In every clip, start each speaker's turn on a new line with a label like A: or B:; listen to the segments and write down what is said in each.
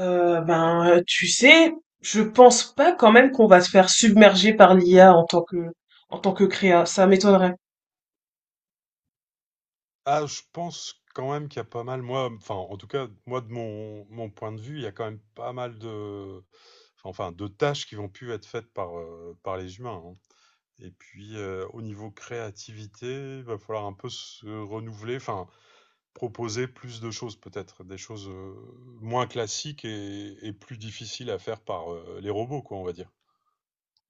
A: Ben, tu sais, je pense pas quand même qu'on va se faire submerger par l'IA en tant que créa. Ça m'étonnerait.
B: Ah, je pense quand même qu'il y a pas mal, moi, enfin, en tout cas, moi, de mon point de vue, il y a quand même pas mal de, enfin, de tâches qui vont plus être faites par, par les humains, hein. Et puis, au niveau créativité, il va falloir un peu se renouveler, enfin, proposer plus de choses peut-être, des choses moins classiques et plus difficiles à faire par les robots, quoi, on va dire.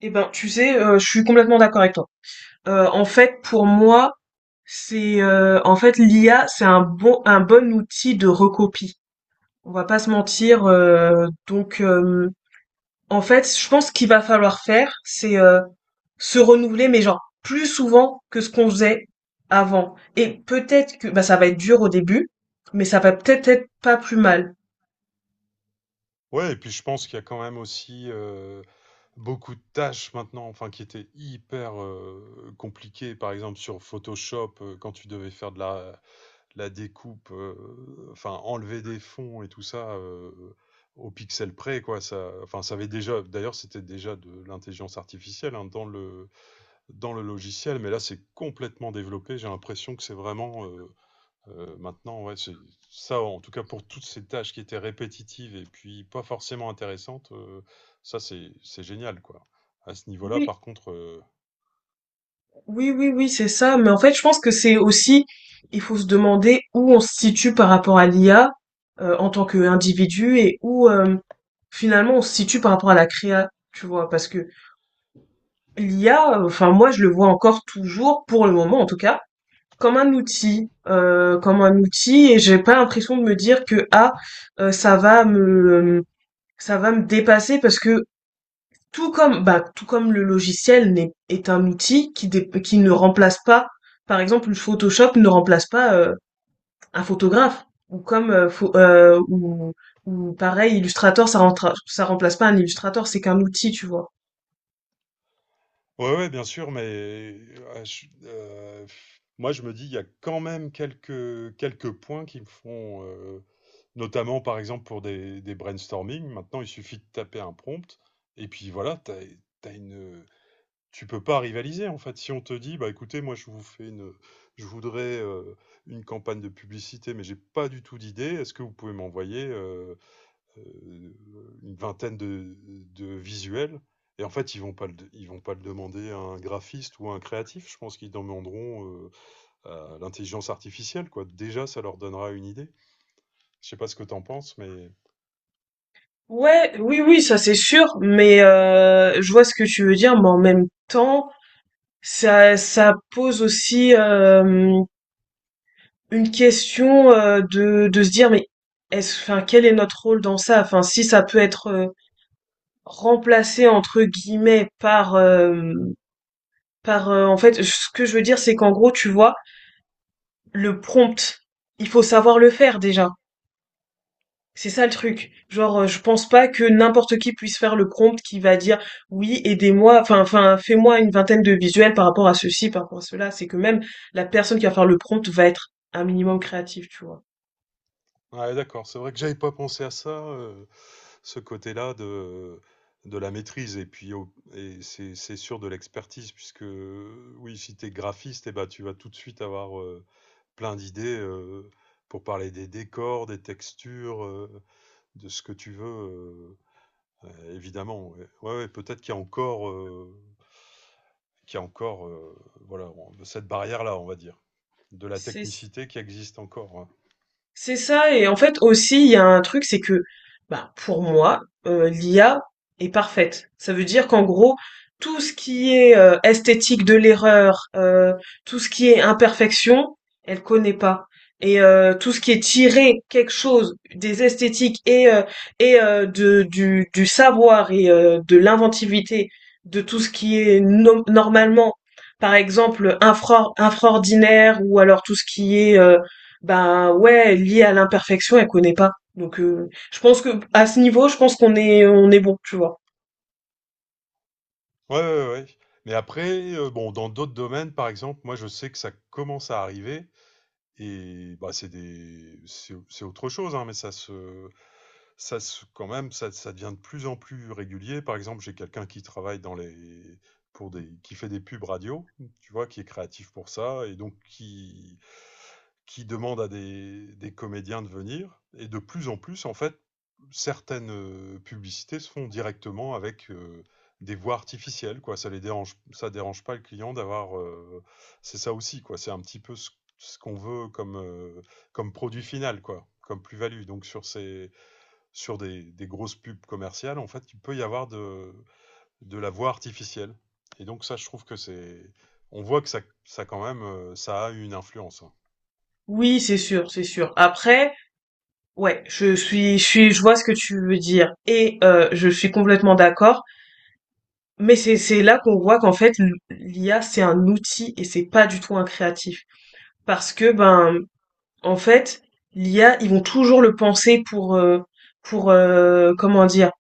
A: Eh ben, tu sais, je suis complètement d'accord avec toi. En fait, pour moi, c'est en fait l'IA, c'est un bon outil de recopie. On va pas se mentir. Donc, en fait, je pense qu'il va falloir faire, c'est se renouveler, mais genre plus souvent que ce qu'on faisait avant. Et peut-être que bah, ça va être dur au début, mais ça va peut-être être pas plus mal.
B: Ouais, et puis je pense qu'il y a quand même aussi beaucoup de tâches maintenant, enfin qui étaient hyper, compliquées. Par exemple sur Photoshop, quand tu devais faire de la découpe, enfin enlever des fonds et tout ça, au pixel près, quoi. Ça, enfin ça avait déjà, d'ailleurs c'était déjà de l'intelligence artificielle, hein, dans le logiciel, mais là c'est complètement développé. J'ai l'impression que c'est vraiment, maintenant, ouais, c'est ça, en tout cas pour toutes ces tâches qui étaient répétitives et puis pas forcément intéressantes, ça c'est génial, quoi. À ce niveau-là,
A: Oui,
B: par contre,
A: oui, oui, oui, c'est ça. Mais en fait, je pense que c'est aussi, il faut se demander où on se situe par rapport à l'IA en tant qu'individu et où finalement on se situe par rapport à la créa, tu vois, parce que l'IA, enfin moi je le vois encore toujours, pour le moment en tout cas, comme un outil et j'ai pas l'impression de me dire que: «Ah, heu, ça va me ça va me dépasser» parce que tout comme le logiciel n'est est un outil qui ne remplace pas par exemple, le Photoshop ne remplace pas, un photographe ou comme, pho ou pareil Illustrator ça remplace pas un illustrateur c'est qu'un outil, tu vois?
B: ouais, ouais, bien sûr, mais moi je me dis, il y a quand même quelques points qui me font, notamment par exemple pour des brainstorming. Maintenant, il suffit de taper un prompt et puis voilà, t'as as une, tu peux pas rivaliser en fait. Si on te dit, bah écoutez, moi je vous fais une, je voudrais une campagne de publicité, mais j'ai pas du tout d'idée. Est-ce que vous pouvez m'envoyer euh, une vingtaine de visuels? Et en fait, ils vont pas le demander à un graphiste ou à un créatif. Je pense qu'ils demanderont à l'intelligence artificielle, quoi. Déjà, ça leur donnera une idée. Je sais pas ce que t'en penses, mais
A: Ouais, oui, oui, ça c'est sûr, mais je vois ce que tu veux dire, mais en même temps, ça pose aussi, une question, de se dire: «Mais est-ce enfin, quel est notre rôle dans ça?» enfin, si ça peut être, «remplacé» entre guillemets en fait, ce que je veux dire, c'est qu'en gros, tu vois, le prompt, il faut savoir le faire déjà. C'est ça le truc.
B: bon.
A: Genre, je pense pas que n'importe qui puisse faire le prompt qui va dire oui, aidez-moi, enfin, fais-moi une vingtaine de visuels par rapport à ceci, par rapport à cela. C'est que même la personne qui va faire le prompt va être un minimum créative, tu vois.
B: Ouais, d'accord. C'est vrai que j'avais pas pensé à ça. Ce côté-là de la maîtrise et puis c'est sûr, de l'expertise, puisque oui, si tu es graphiste, eh ben, tu vas tout de suite avoir plein d'idées, pour parler des décors, des textures, de ce que tu veux, évidemment. Ouais, ouais, ouais, peut-être qu'il y a encore, qu'il y a encore voilà, cette barrière-là, on va dire, de la
A: C'est
B: technicité qui existe encore, hein.
A: C'est ça et en fait aussi il y a un truc c'est que bah pour moi l'IA est parfaite. Ça veut dire qu'en gros tout ce qui est esthétique de l'erreur, tout ce qui est imperfection, elle connaît pas. Et tout ce qui est tiré quelque chose des esthétiques et de du savoir et de l'inventivité de tout ce qui est normalement par exemple infraordinaire ou alors tout ce qui est ben ouais, liée à l'imperfection, elle connaît pas. Donc je pense que à ce niveau, je pense qu'on est bon, tu vois.
B: Ouais, ouais, ouais, ouais. Mais après, bon, dans d'autres domaines, par exemple, moi je sais que ça commence à arriver. Et bah, c'est des c'est autre chose, hein, mais ça se quand même, ça devient de plus en plus régulier. Par exemple, j'ai quelqu'un qui travaille dans les pour des qui fait des pubs radio, tu vois, qui est créatif pour ça et donc qui demandent à des comédiens de venir. Et de plus en plus, en fait, certaines publicités se font directement avec des voix artificielles, quoi. Ça dérange pas le client d'avoir, c'est ça aussi, quoi. C'est un petit peu ce, ce qu'on veut comme comme produit final, quoi, comme plus-value. Donc sur des grosses pubs commerciales, en fait, il peut y avoir de la voix artificielle. Et donc ça, je trouve que c'est on voit que ça quand même, ça a une influence, hein.
A: Oui, c'est sûr, c'est sûr. Après, ouais, je vois ce que tu veux dire et je suis complètement d'accord, mais c'est là qu'on voit qu'en fait l'IA c'est un outil et c'est pas du tout un créatif parce que ben en fait, l'IA, ils vont toujours le penser pour comment dire,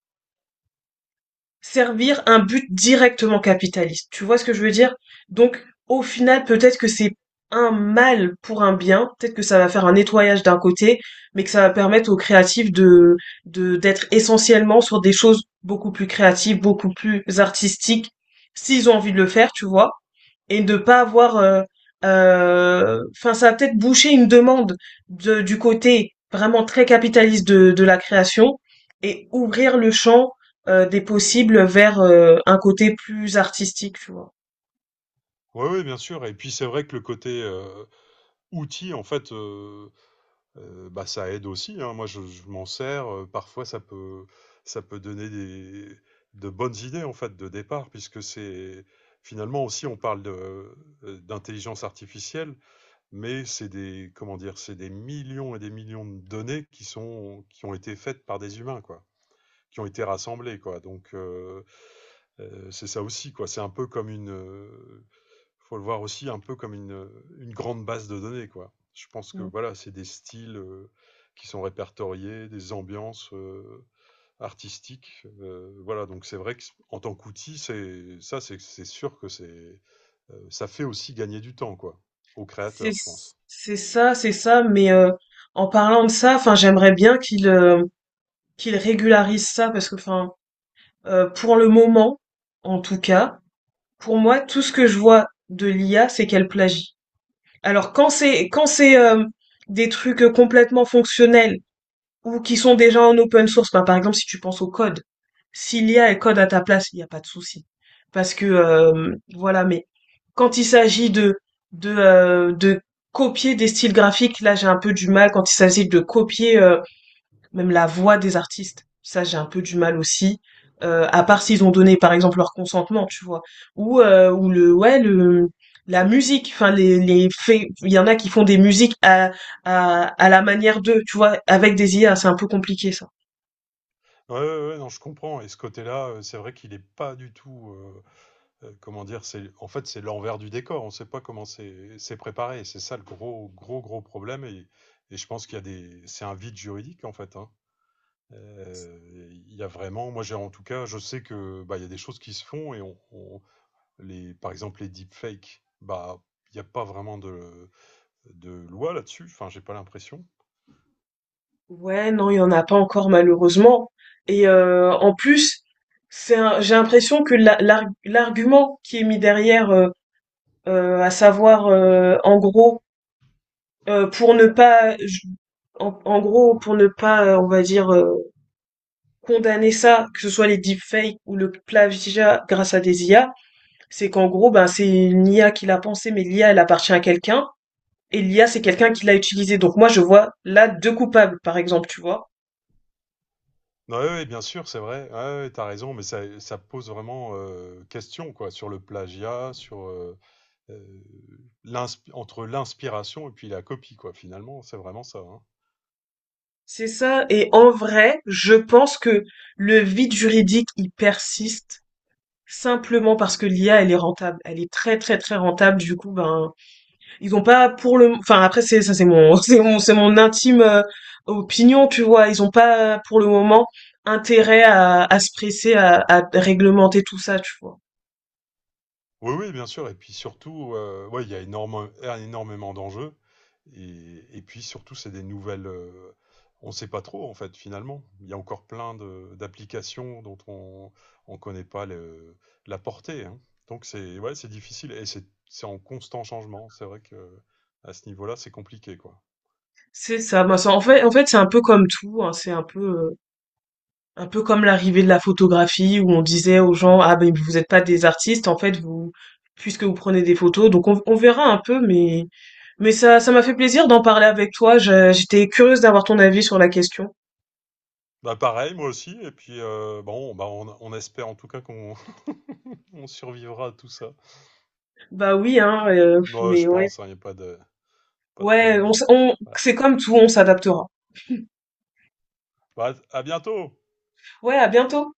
A: servir un but directement capitaliste. Tu vois ce que je veux dire? Donc, au final, peut-être que c'est un mal pour un bien, peut-être que ça va faire un nettoyage d'un côté, mais que ça va permettre aux créatifs d'être essentiellement sur des choses beaucoup plus créatives, beaucoup plus artistiques, s'ils ont envie de le faire, tu vois, et de pas avoir enfin ça va peut-être boucher une demande du côté vraiment très capitaliste de la création et ouvrir le champ des possibles vers un côté plus artistique, tu vois.
B: Oui, oui, bien sûr. Et puis c'est vrai que le côté outil, en fait, bah, ça aide aussi, hein. Moi, je m'en sers, parfois, ça peut donner des, de bonnes idées, en fait, de départ, puisque c'est finalement aussi, on parle de, d'intelligence artificielle, mais c'est des, comment dire, c'est des millions et des millions de données qui ont été faites par des humains, quoi, qui ont été rassemblées, quoi. Donc c'est ça aussi, quoi. C'est un peu comme une, Faut le voir aussi un peu comme une grande base de données, quoi. Je pense que
A: Mm.
B: voilà, c'est des styles, qui sont répertoriés, des ambiances, artistiques, voilà, donc c'est vrai que en tant qu'outil, c'est ça, c'est sûr que c'est, ça fait aussi gagner du temps, quoi, aux
A: C'est
B: créateurs, je pense.
A: c'est ça, c'est ça. Mais en parlant de ça, enfin, j'aimerais bien qu'il régularise ça parce que, enfin, pour le moment, en tout cas, pour moi, tout ce que je vois de l'IA, c'est qu'elle plagie. Alors quand c'est des trucs complètement fonctionnels ou qui sont déjà en open source. Bah, par exemple, si tu penses au code, si l'I a elle code à ta place, il n'y a pas de souci. Parce que voilà, mais quand il s'agit de copier des styles graphiques, là j'ai un peu du mal. Quand il s'agit de copier même la voix des artistes. Ça, j'ai un peu du mal aussi. À part s'ils ont donné, par exemple, leur consentement, tu vois. Ou le, ouais, la musique. Enfin, les faits. Il y en a qui font des musiques à la manière d'eux, tu vois, avec des IA. C'est un peu compliqué, ça.
B: Ouais, ouais, ouais, non, je comprends, et ce côté-là, c'est vrai qu'il est pas du tout, comment dire, c'est en fait c'est l'envers du décor. On ne sait pas comment c'est préparé. C'est ça le gros problème. Et je pense qu'il y a des, c'est un vide juridique en fait, hein. Il y a vraiment, moi j'ai, en tout cas, je sais que bah, il y a des choses qui se font et par exemple les deepfakes, bah il n'y a pas vraiment de loi là-dessus. Enfin, j'ai pas l'impression.
A: Ouais, non, il y en a pas encore malheureusement. Et en plus, j'ai l'impression que l'argument qui est mis derrière à savoir en gros pour ne pas je- en gros pour ne pas on va dire condamner ça, que ce soit les deepfakes ou le plagiat grâce à des IA, c'est qu'en gros ben c'est une IA qui l'a pensé, mais l'IA elle appartient à quelqu'un et l'IA c'est quelqu'un qui l'a utilisé, donc moi je vois là deux coupables par exemple, tu vois.
B: Non, ouais, ouais, bien sûr, c'est vrai. Ouais, ouais, t'as raison, mais ça pose vraiment question, quoi, sur le plagiat, sur euh, entre l'inspiration et puis la copie, quoi, finalement, c'est vraiment ça, hein.
A: C'est ça, et en vrai je pense que le vide juridique il persiste simplement parce que l'IA elle est rentable, elle est très très très rentable, du coup ben Ils ont pas pour le, enfin après c'est ça, c'est mon c'est mon intime opinion, tu vois. Ils ont pas pour le moment intérêt à se presser à réglementer tout ça, tu vois.
B: Oui, oui, bien sûr. Et puis surtout, ouais, il y a énormément d'enjeux. Et puis surtout, c'est des nouvelles, on ne sait pas trop, en fait, finalement. Il y a encore d'applications dont on ne connaît pas la portée, hein. Donc, c'est ouais, c'est difficile et c'est en constant changement. C'est vrai que à ce niveau-là, c'est compliqué, quoi.
A: C'est ça. Moi, en fait c'est un peu comme tout. Hein, c'est un peu comme l'arrivée de la photographie où on disait aux gens ah ben vous êtes pas des artistes, en fait vous puisque vous prenez des photos, donc on verra un peu, mais ça m'a fait plaisir d'en parler avec toi. J'étais curieuse d'avoir ton avis sur la question.
B: Bah, pareil, moi aussi. Et puis, bon, bah, on espère en tout cas qu'on on survivra à tout ça.
A: Bah oui hein,
B: Non,
A: mais
B: je
A: ouais.
B: pense, hein, il n'y a pas pas de
A: Ouais,
B: problème. Voilà.
A: c'est comme tout, on s'adaptera.
B: Bah, à bientôt!
A: Ouais, à bientôt.